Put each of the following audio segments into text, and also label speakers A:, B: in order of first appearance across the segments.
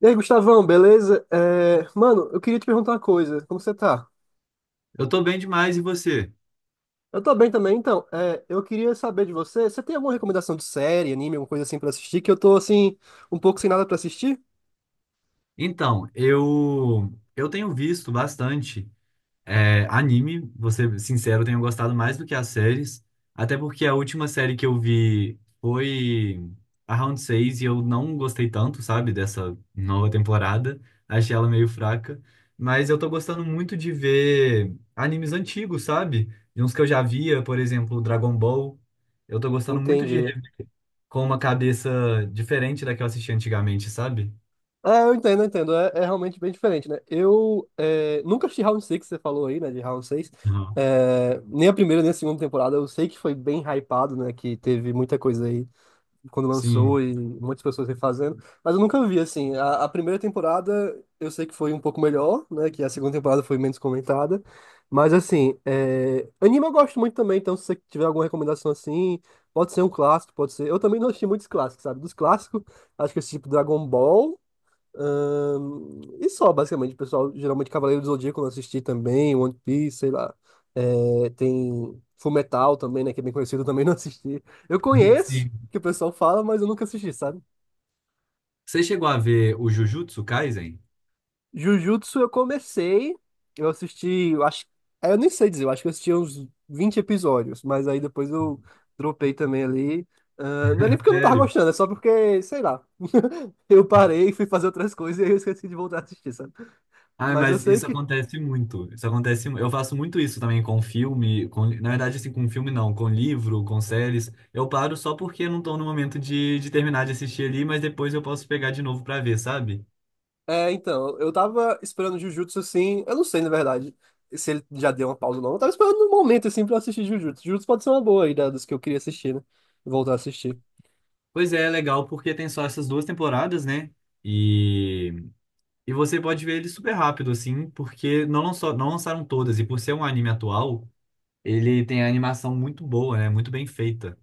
A: E aí, Gustavão, beleza? Mano, eu queria te perguntar uma coisa. Como você tá?
B: Eu tô bem demais, e você?
A: Eu tô bem também, então. Eu queria saber de você. Você tem alguma recomendação de série, anime, alguma coisa assim pra assistir? Que eu tô, assim, um pouco sem nada pra assistir?
B: Então, eu tenho visto bastante anime. Vou ser sincero, eu tenho gostado mais do que as séries, até porque a última série que eu vi foi a Round 6 e eu não gostei tanto, sabe, dessa nova temporada. Achei ela meio fraca. Mas eu tô gostando muito de ver animes antigos, sabe? De uns que eu já via, por exemplo, Dragon Ball, eu tô gostando muito de
A: Entendi.
B: rever com uma cabeça diferente da que eu assisti antigamente, sabe?
A: Eu entendo, eu entendo. É realmente bem diferente, né? Nunca assisti Round 6, que você falou aí, né? De Round 6.
B: Aham.
A: É, nem a primeira, nem a segunda temporada. Eu sei que foi bem hypado, né? Que teve muita coisa aí quando
B: Sim,
A: lançou e muitas pessoas refazendo, mas eu nunca vi assim. A primeira temporada eu sei que foi um pouco melhor, né? Que a segunda temporada foi menos comentada, mas assim, anime eu gosto muito também, então se você tiver alguma recomendação assim, pode ser um clássico, pode ser. Eu também não assisti muitos clássicos, sabe? Dos clássicos, acho que esse tipo Dragon Ball. E só, basicamente, o pessoal, geralmente Cavaleiro do Zodíaco eu assisti também, One Piece, sei lá. É, tem Fullmetal também, né, que é bem conhecido, eu também não assisti. Eu conheço,
B: sim.
A: que o pessoal fala, mas eu nunca assisti, sabe?
B: Você chegou a ver o Jujutsu Kaisen?
A: Jujutsu eu comecei, eu assisti, eu acho, eu nem sei dizer, eu acho que eu assisti uns 20 episódios, mas aí depois eu dropei também ali. Não é nem porque eu não tava
B: Sério?
A: gostando, é só porque, sei lá, eu parei, fui fazer outras coisas e aí eu esqueci de voltar a assistir, sabe?
B: Ah,
A: Mas eu
B: mas
A: sei
B: isso
A: que
B: acontece muito. Isso acontece. Eu faço muito isso também com filme, com, na verdade, assim, com filme não, com livro, com séries. Eu paro só porque eu não tô no momento de terminar de assistir ali, mas depois eu posso pegar de novo pra ver, sabe?
A: Então, eu tava esperando Jujutsu assim. Eu não sei, na verdade, se ele já deu uma pausa ou não. Eu tava esperando um momento assim pra eu assistir Jujutsu. Jujutsu pode ser uma boa aí, né, dos que eu queria assistir, né? Voltar a assistir.
B: Pois é, é legal porque tem só essas duas temporadas, né? E, e você pode ver ele super rápido, assim, porque não, lançou, não lançaram todas. E por ser um anime atual. Ele tem a animação muito boa, né? Muito bem feita.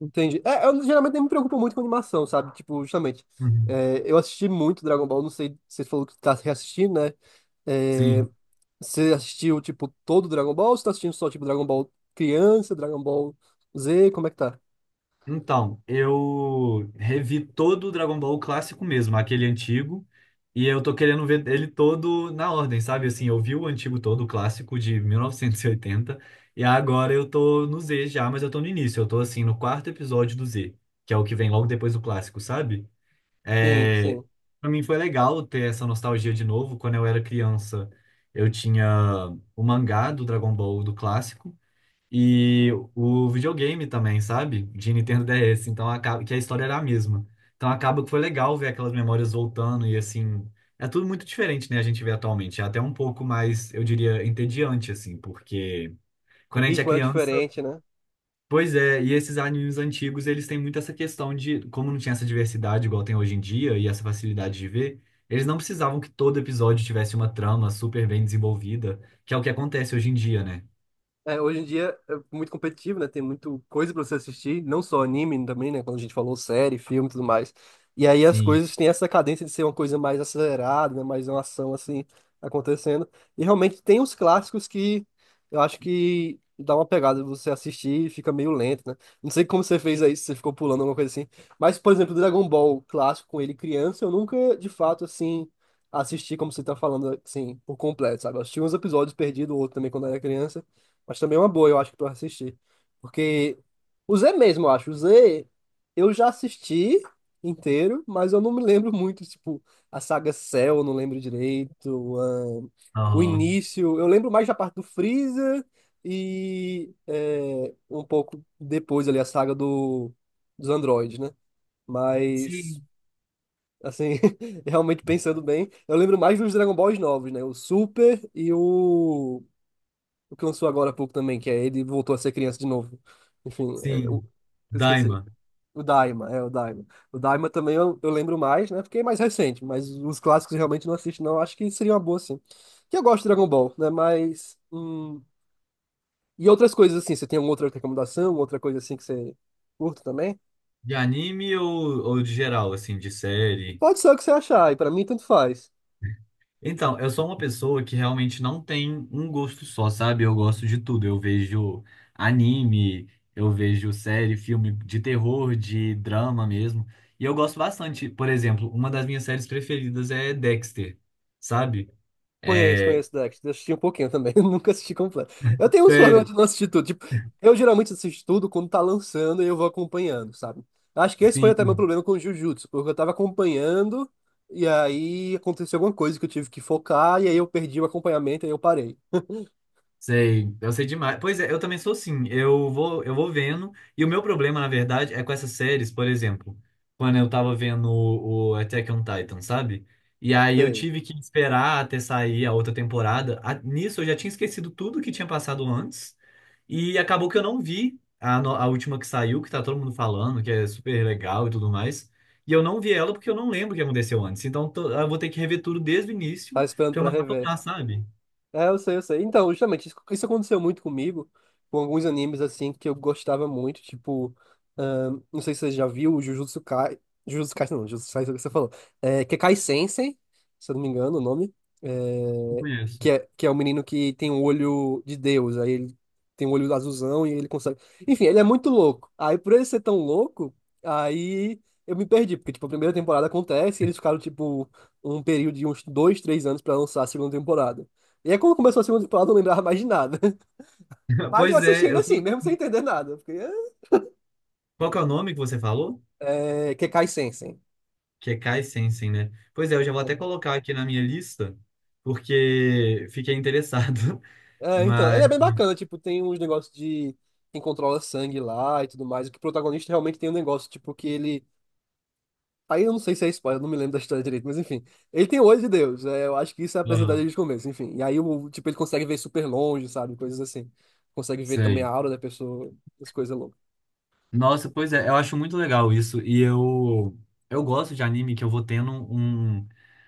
A: Entendi. É, eu geralmente nem me preocupo muito com animação, sabe? Tipo, justamente.
B: Uhum.
A: Eu assisti muito Dragon Ball, não sei, você falou que tá reassistindo, né? É,
B: Sim.
A: você assistiu, tipo, todo Dragon Ball ou você tá assistindo só, tipo, Dragon Ball criança, Dragon Ball Z? Como é que tá?
B: Então, eu revi todo o Dragon Ball clássico mesmo, aquele antigo, e eu tô querendo ver ele todo na ordem, sabe? Assim, eu vi o antigo todo, o clássico de 1980, e 80. E agora eu tô no Z já, mas eu tô no início. Eu tô assim no quarto episódio do Z, que é o que vem logo depois do clássico, sabe?
A: Sim,
B: É,
A: sim.
B: para mim foi legal ter essa nostalgia de novo. Quando eu era criança, eu tinha o mangá do Dragon Ball, do clássico, e o videogame também, sabe? De Nintendo DS. Então acaba que a história era a mesma. Então acaba que foi legal ver aquelas memórias voltando e assim. É tudo muito diferente, né? A gente vê atualmente. É até um pouco mais, eu diria, entediante, assim, porque
A: O
B: quando a gente é
A: ritmo era
B: criança.
A: diferente, né?
B: Pois é, e esses animes antigos, eles têm muito essa questão de, como não tinha essa diversidade igual tem hoje em dia e essa facilidade de ver, eles não precisavam que todo episódio tivesse uma trama super bem desenvolvida, que é o que acontece hoje em dia, né?
A: É, hoje em dia é muito competitivo, né? Tem muito coisa pra você assistir, não só anime também, né? Quando a gente falou série, filme e tudo mais. E aí as
B: Sim.
A: coisas têm essa cadência de ser uma coisa mais acelerada, né? Mais uma ação assim acontecendo. E realmente tem os clássicos que eu acho que dá uma pegada você assistir e fica meio lento, né? Não sei como você fez aí, se você ficou pulando alguma coisa assim. Mas, por exemplo, Dragon Ball clássico com ele criança, eu nunca de fato assim assisti como você tá falando assim por completo, sabe? Eu assisti uns episódios perdidos, outro também quando eu era criança. Mas também é uma boa, eu acho que tu vai assistir. Porque o Z mesmo, eu acho. O Z, eu já assisti inteiro, mas eu não me lembro muito. Tipo, a saga Cell, eu não lembro direito. O
B: Aham.
A: início, eu lembro mais da parte do Freeza um pouco depois ali a saga do, dos androides, né? Mas,
B: Sim.
A: assim, realmente pensando bem, eu lembro mais dos Dragon Balls novos, né? O Super e o. O que lançou agora há pouco também, que é ele voltou a ser criança de novo. Enfim,
B: Sim.
A: eu esqueci.
B: Daima.
A: O Daima, é o Daima. O Daima também eu lembro mais, né? Porque é mais recente, mas os clássicos eu realmente não assisto, não. Acho que seria uma boa, sim. Que eu gosto de Dragon Ball, né? Mas. E outras coisas assim, você tem alguma outra recomendação, outra coisa assim que você curta também?
B: De anime ou de geral, assim, de série?
A: Pode ser o que você achar, e pra mim tanto faz.
B: Então, eu sou uma pessoa que realmente não tem um gosto só, sabe? Eu gosto de tudo. Eu vejo anime, eu vejo série, filme de terror, de drama mesmo. E eu gosto bastante. Por exemplo, uma das minhas séries preferidas é Dexter, sabe?
A: Conheço,
B: É,
A: conheço Dexter. Eu assisti um pouquinho também, eu nunca assisti completo. Eu tenho uns problemas
B: sério,
A: de não assistir tudo. Tipo, eu geralmente assisto tudo quando tá lançando e eu vou acompanhando, sabe? Acho que esse foi até meu
B: sim.
A: problema com Jujutsu, porque eu tava acompanhando e aí aconteceu alguma coisa que eu tive que focar e aí eu perdi o acompanhamento e aí eu parei.
B: Sei, eu sei demais. Pois é, eu também sou assim. Eu vou vendo. E o meu problema, na verdade, é com essas séries, por exemplo, quando eu tava vendo o Attack on Titan, sabe? E aí eu
A: Sei,
B: tive que esperar até sair a outra temporada. Nisso eu já tinha esquecido tudo que tinha passado antes. E acabou que eu não vi a, no- a última que saiu, que tá todo mundo falando, que é super legal e tudo mais. E eu não vi ela porque eu não lembro o que aconteceu antes. Então eu vou ter que rever tudo desde o início
A: tava esperando
B: pra eu
A: pra rever.
B: maratonar, sabe?
A: É, eu sei, eu sei. Então, justamente, isso aconteceu muito comigo, com alguns animes, assim, que eu gostava muito, tipo, não sei se você já viu o Jujutsu Kai, Jujutsu Kaisen não, Jujutsu Kaisen é o que você falou, é, que é Kai Sensei, se eu não me engano o nome,
B: Não
A: é,
B: conheço.
A: que é o menino que tem um olho de Deus, aí ele tem um olho azulzão e ele consegue, enfim, ele é muito louco. Aí, por ele ser tão louco, aí eu me perdi, porque, tipo, a primeira temporada acontece e eles ficaram, tipo, um período de uns 2, 3 anos pra lançar a segunda temporada. E aí, quando começou a segunda temporada, eu não lembrava mais de nada. Mas eu
B: Pois
A: assisti
B: é,
A: ainda
B: eu,
A: assim, mesmo sem entender nada. Porque
B: qual que é o nome que você falou?
A: Kekai Sensen.
B: Que é Kai Sensen, né? Pois é, eu já vou até
A: É,
B: colocar aqui na minha lista, porque fiquei interessado.
A: É, então, ele
B: Mas,
A: é bem bacana, tipo, tem uns negócios de quem controla sangue lá e tudo mais. O que o protagonista realmente tem um negócio, tipo, que ele. Aí eu não sei se é spoiler, eu não me lembro da história direito, mas enfim. Ele tem o olho de Deus, é, eu acho que isso é apresentado
B: aham,
A: desde o começo, enfim. E aí, o, tipo, ele consegue ver super longe, sabe? Coisas assim. Consegue ver também a
B: sei.
A: aura da pessoa, as coisas
B: Nossa, pois é, eu acho muito legal isso. E eu gosto de anime que eu vou tendo um,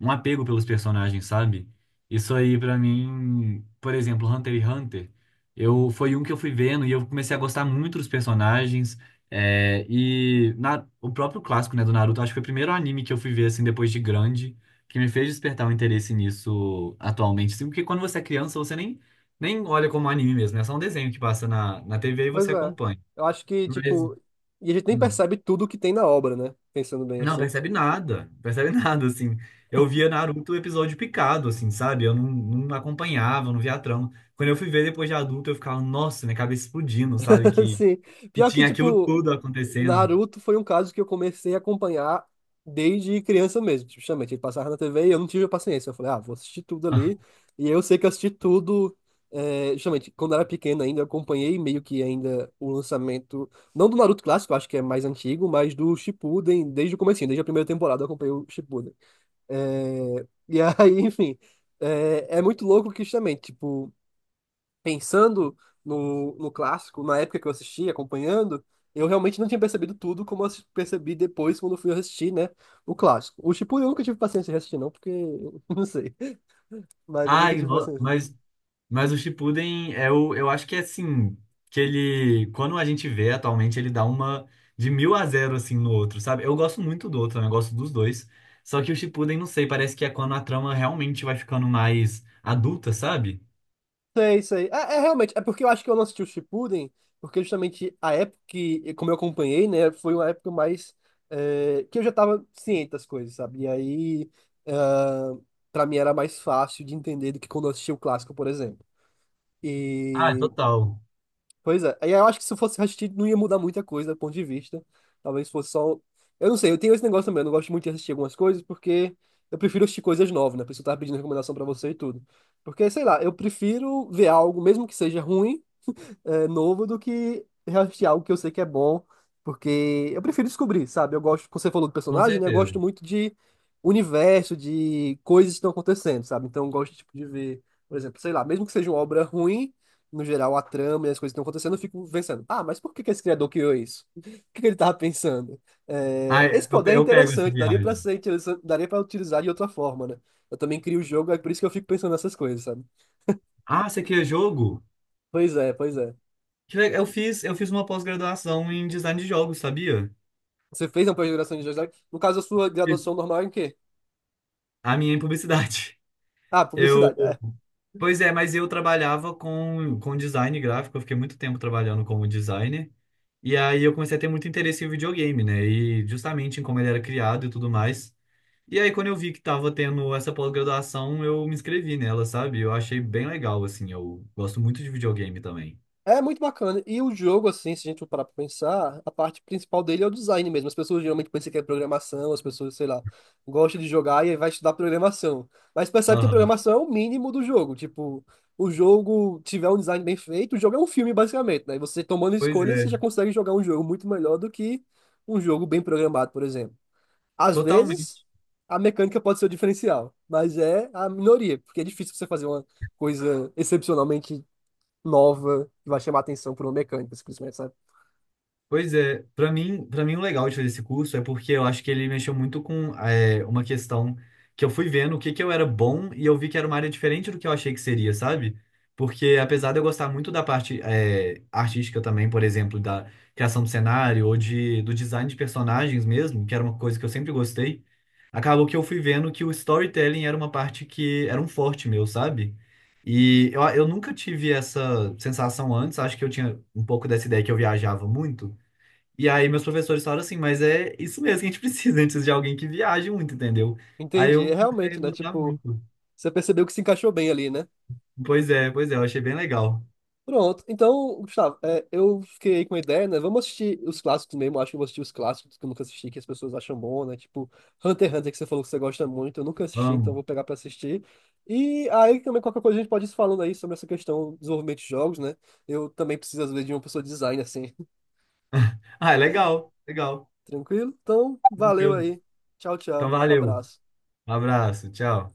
B: um apego pelos personagens, sabe? Isso aí, pra mim, por exemplo, Hunter x Hunter, foi um que eu fui vendo e eu comecei a gostar muito dos personagens. E o próprio clássico, né, do Naruto, acho que foi o primeiro anime que eu fui ver, assim, depois de grande, que me fez despertar um interesse nisso atualmente. Assim, porque quando você é criança, você nem olha como anime mesmo, né? É só um desenho que passa na TV e
A: Pois
B: você
A: é.
B: acompanha.
A: Eu acho que,
B: Mas.
A: tipo, e a gente nem
B: Hum.
A: percebe tudo que tem na obra, né? Pensando bem
B: Não
A: assim.
B: percebe nada, percebe nada, assim. Eu via Naruto episódio picado, assim, sabe? Eu não acompanhava, não via a trama. Quando eu fui ver depois de adulto, eu ficava, nossa, minha cabeça explodindo, sabe? Que,
A: sim
B: que
A: pior que,
B: tinha aquilo
A: tipo,
B: tudo acontecendo.
A: Naruto foi um caso que eu comecei a acompanhar desde criança mesmo. Tipo, justamente, ele passava na TV e eu não tive a paciência. Eu falei, ah, vou assistir tudo ali. E eu sei que eu assisti tudo. É, justamente, quando eu era pequeno ainda, eu acompanhei meio que ainda o lançamento, não do Naruto clássico, eu acho que é mais antigo, mas do Shippuden, desde o comecinho, desde a primeira temporada eu acompanhei o Shippuden. Enfim, é muito louco que justamente, tipo, pensando no clássico, na época que eu assisti, acompanhando, eu realmente não tinha percebido tudo como eu percebi depois quando eu fui assistir, né, o clássico. O Shippuden eu nunca tive paciência de assistir, não, porque, não sei, mas eu nunca
B: Ai,
A: tive paciência.
B: mas o Shippuden, é o, eu acho que é assim, que ele, quando a gente vê atualmente, ele dá uma de mil a zero, assim, no outro, sabe? Eu gosto muito do outro, né? Eu gosto dos dois. Só que o Shippuden, não sei, parece que é quando a trama realmente vai ficando mais adulta, sabe?
A: Sei, sei. É, é realmente, é porque eu acho que eu não assisti o Shippuden, porque justamente a época que, como eu acompanhei, né, foi uma época mais que eu já tava ciente das coisas, sabe? E aí, ah, pra mim era mais fácil de entender do que quando eu assisti o clássico, por exemplo.
B: Ah, total.
A: Pois é. Aí eu acho que se fosse assistir, não ia mudar muita coisa do ponto de vista. Talvez fosse só. Eu não sei, eu tenho esse negócio também. Eu não gosto muito de assistir algumas coisas porque eu prefiro assistir coisas novas, né? A pessoa tá pedindo recomendação pra você e tudo. Porque, sei lá, eu prefiro ver algo, mesmo que seja ruim novo do que reassistir algo que eu sei que é bom, porque eu prefiro descobrir, sabe? Eu gosto, como você falou do
B: Com
A: personagem, né? Eu
B: certeza.
A: gosto muito de universo, de coisas que estão acontecendo, sabe? Então eu gosto, tipo, de ver, por exemplo, sei lá, mesmo que seja uma obra ruim, no geral, a trama e as coisas que estão acontecendo, eu fico pensando, ah, mas por que que esse criador criou isso? O que que ele estava pensando?
B: Ah,
A: É, esse poder é
B: eu pego essa
A: interessante, daria para
B: viagem.
A: ser interessante, daria para utilizar de outra forma, né? Eu também crio o jogo, é por isso que eu fico pensando nessas coisas, sabe?
B: Ah, você quer jogo?
A: Pois é, pois é.
B: Eu fiz uma pós-graduação em design de jogos, sabia?
A: Você fez uma pós-graduação em jornalismo? No caso, a sua
B: Fiz.
A: graduação normal é em quê?
B: A minha em publicidade.
A: Ah,
B: Eu,
A: publicidade. É.
B: Pois é, mas eu trabalhava com design gráfico. Eu fiquei muito tempo trabalhando como designer. E aí eu comecei a ter muito interesse em videogame, né? E justamente em como ele era criado e tudo mais. E aí quando eu vi que tava tendo essa pós-graduação, eu me inscrevi nela, sabe? Eu achei bem legal, assim, eu gosto muito de videogame também.
A: É muito bacana. E o jogo, assim, se a gente for parar pra pensar, a parte principal dele é o design mesmo. As pessoas geralmente pensam que é programação, as pessoas, sei lá, gostam de jogar e aí vai estudar programação. Mas percebe que a
B: Aham.
A: programação é o mínimo do jogo. Tipo, o jogo tiver um design bem feito, o jogo é um filme, basicamente, né? E você tomando
B: Pois
A: escolhas, você
B: é,
A: já consegue jogar um jogo muito melhor do que um jogo bem programado, por exemplo. Às vezes,
B: totalmente.
A: a mecânica pode ser o diferencial, mas é a minoria, porque é difícil você fazer uma coisa excepcionalmente nova que vai chamar atenção por uma mecânica, simplesmente, sabe?
B: Pois é, para mim o legal de fazer esse curso é porque eu acho que ele mexeu muito com uma questão que eu fui vendo o que que eu era bom e eu vi que era uma área diferente do que eu achei que seria, sabe? Porque apesar de eu gostar muito da parte artística também, por exemplo, da criação do cenário ou do design de personagens mesmo, que era uma coisa que eu sempre gostei, acabou que eu fui vendo que o storytelling era uma parte que era um forte meu, sabe? E eu nunca tive essa sensação antes. Acho que eu tinha um pouco dessa ideia que eu viajava muito. E aí meus professores falaram assim, mas é isso mesmo que a gente precisa, antes de alguém que viaje muito, entendeu? Aí
A: Entendi.
B: eu
A: É
B: comecei a
A: realmente, né?
B: gostar
A: Tipo,
B: muito.
A: você percebeu que se encaixou bem ali, né?
B: Pois é, eu achei bem legal.
A: Pronto. Então, Gustavo, eu fiquei aí com uma ideia, né? Vamos assistir os clássicos mesmo. Acho que eu vou assistir os clássicos que eu nunca assisti, que as pessoas acham bom, né? Tipo, Hunter x Hunter, que você falou que você gosta muito. Eu nunca assisti, então eu
B: Amo.
A: vou pegar pra assistir. E aí também qualquer coisa a gente pode ir se falando aí sobre essa questão do desenvolvimento de jogos, né? Eu também preciso, às vezes, de uma pessoa de design, assim.
B: Ah, é legal, legal.
A: Tranquilo? Então, valeu
B: Tranquilo.
A: aí. Tchau,
B: Então
A: tchau.
B: valeu.
A: Abraço.
B: Um abraço, tchau.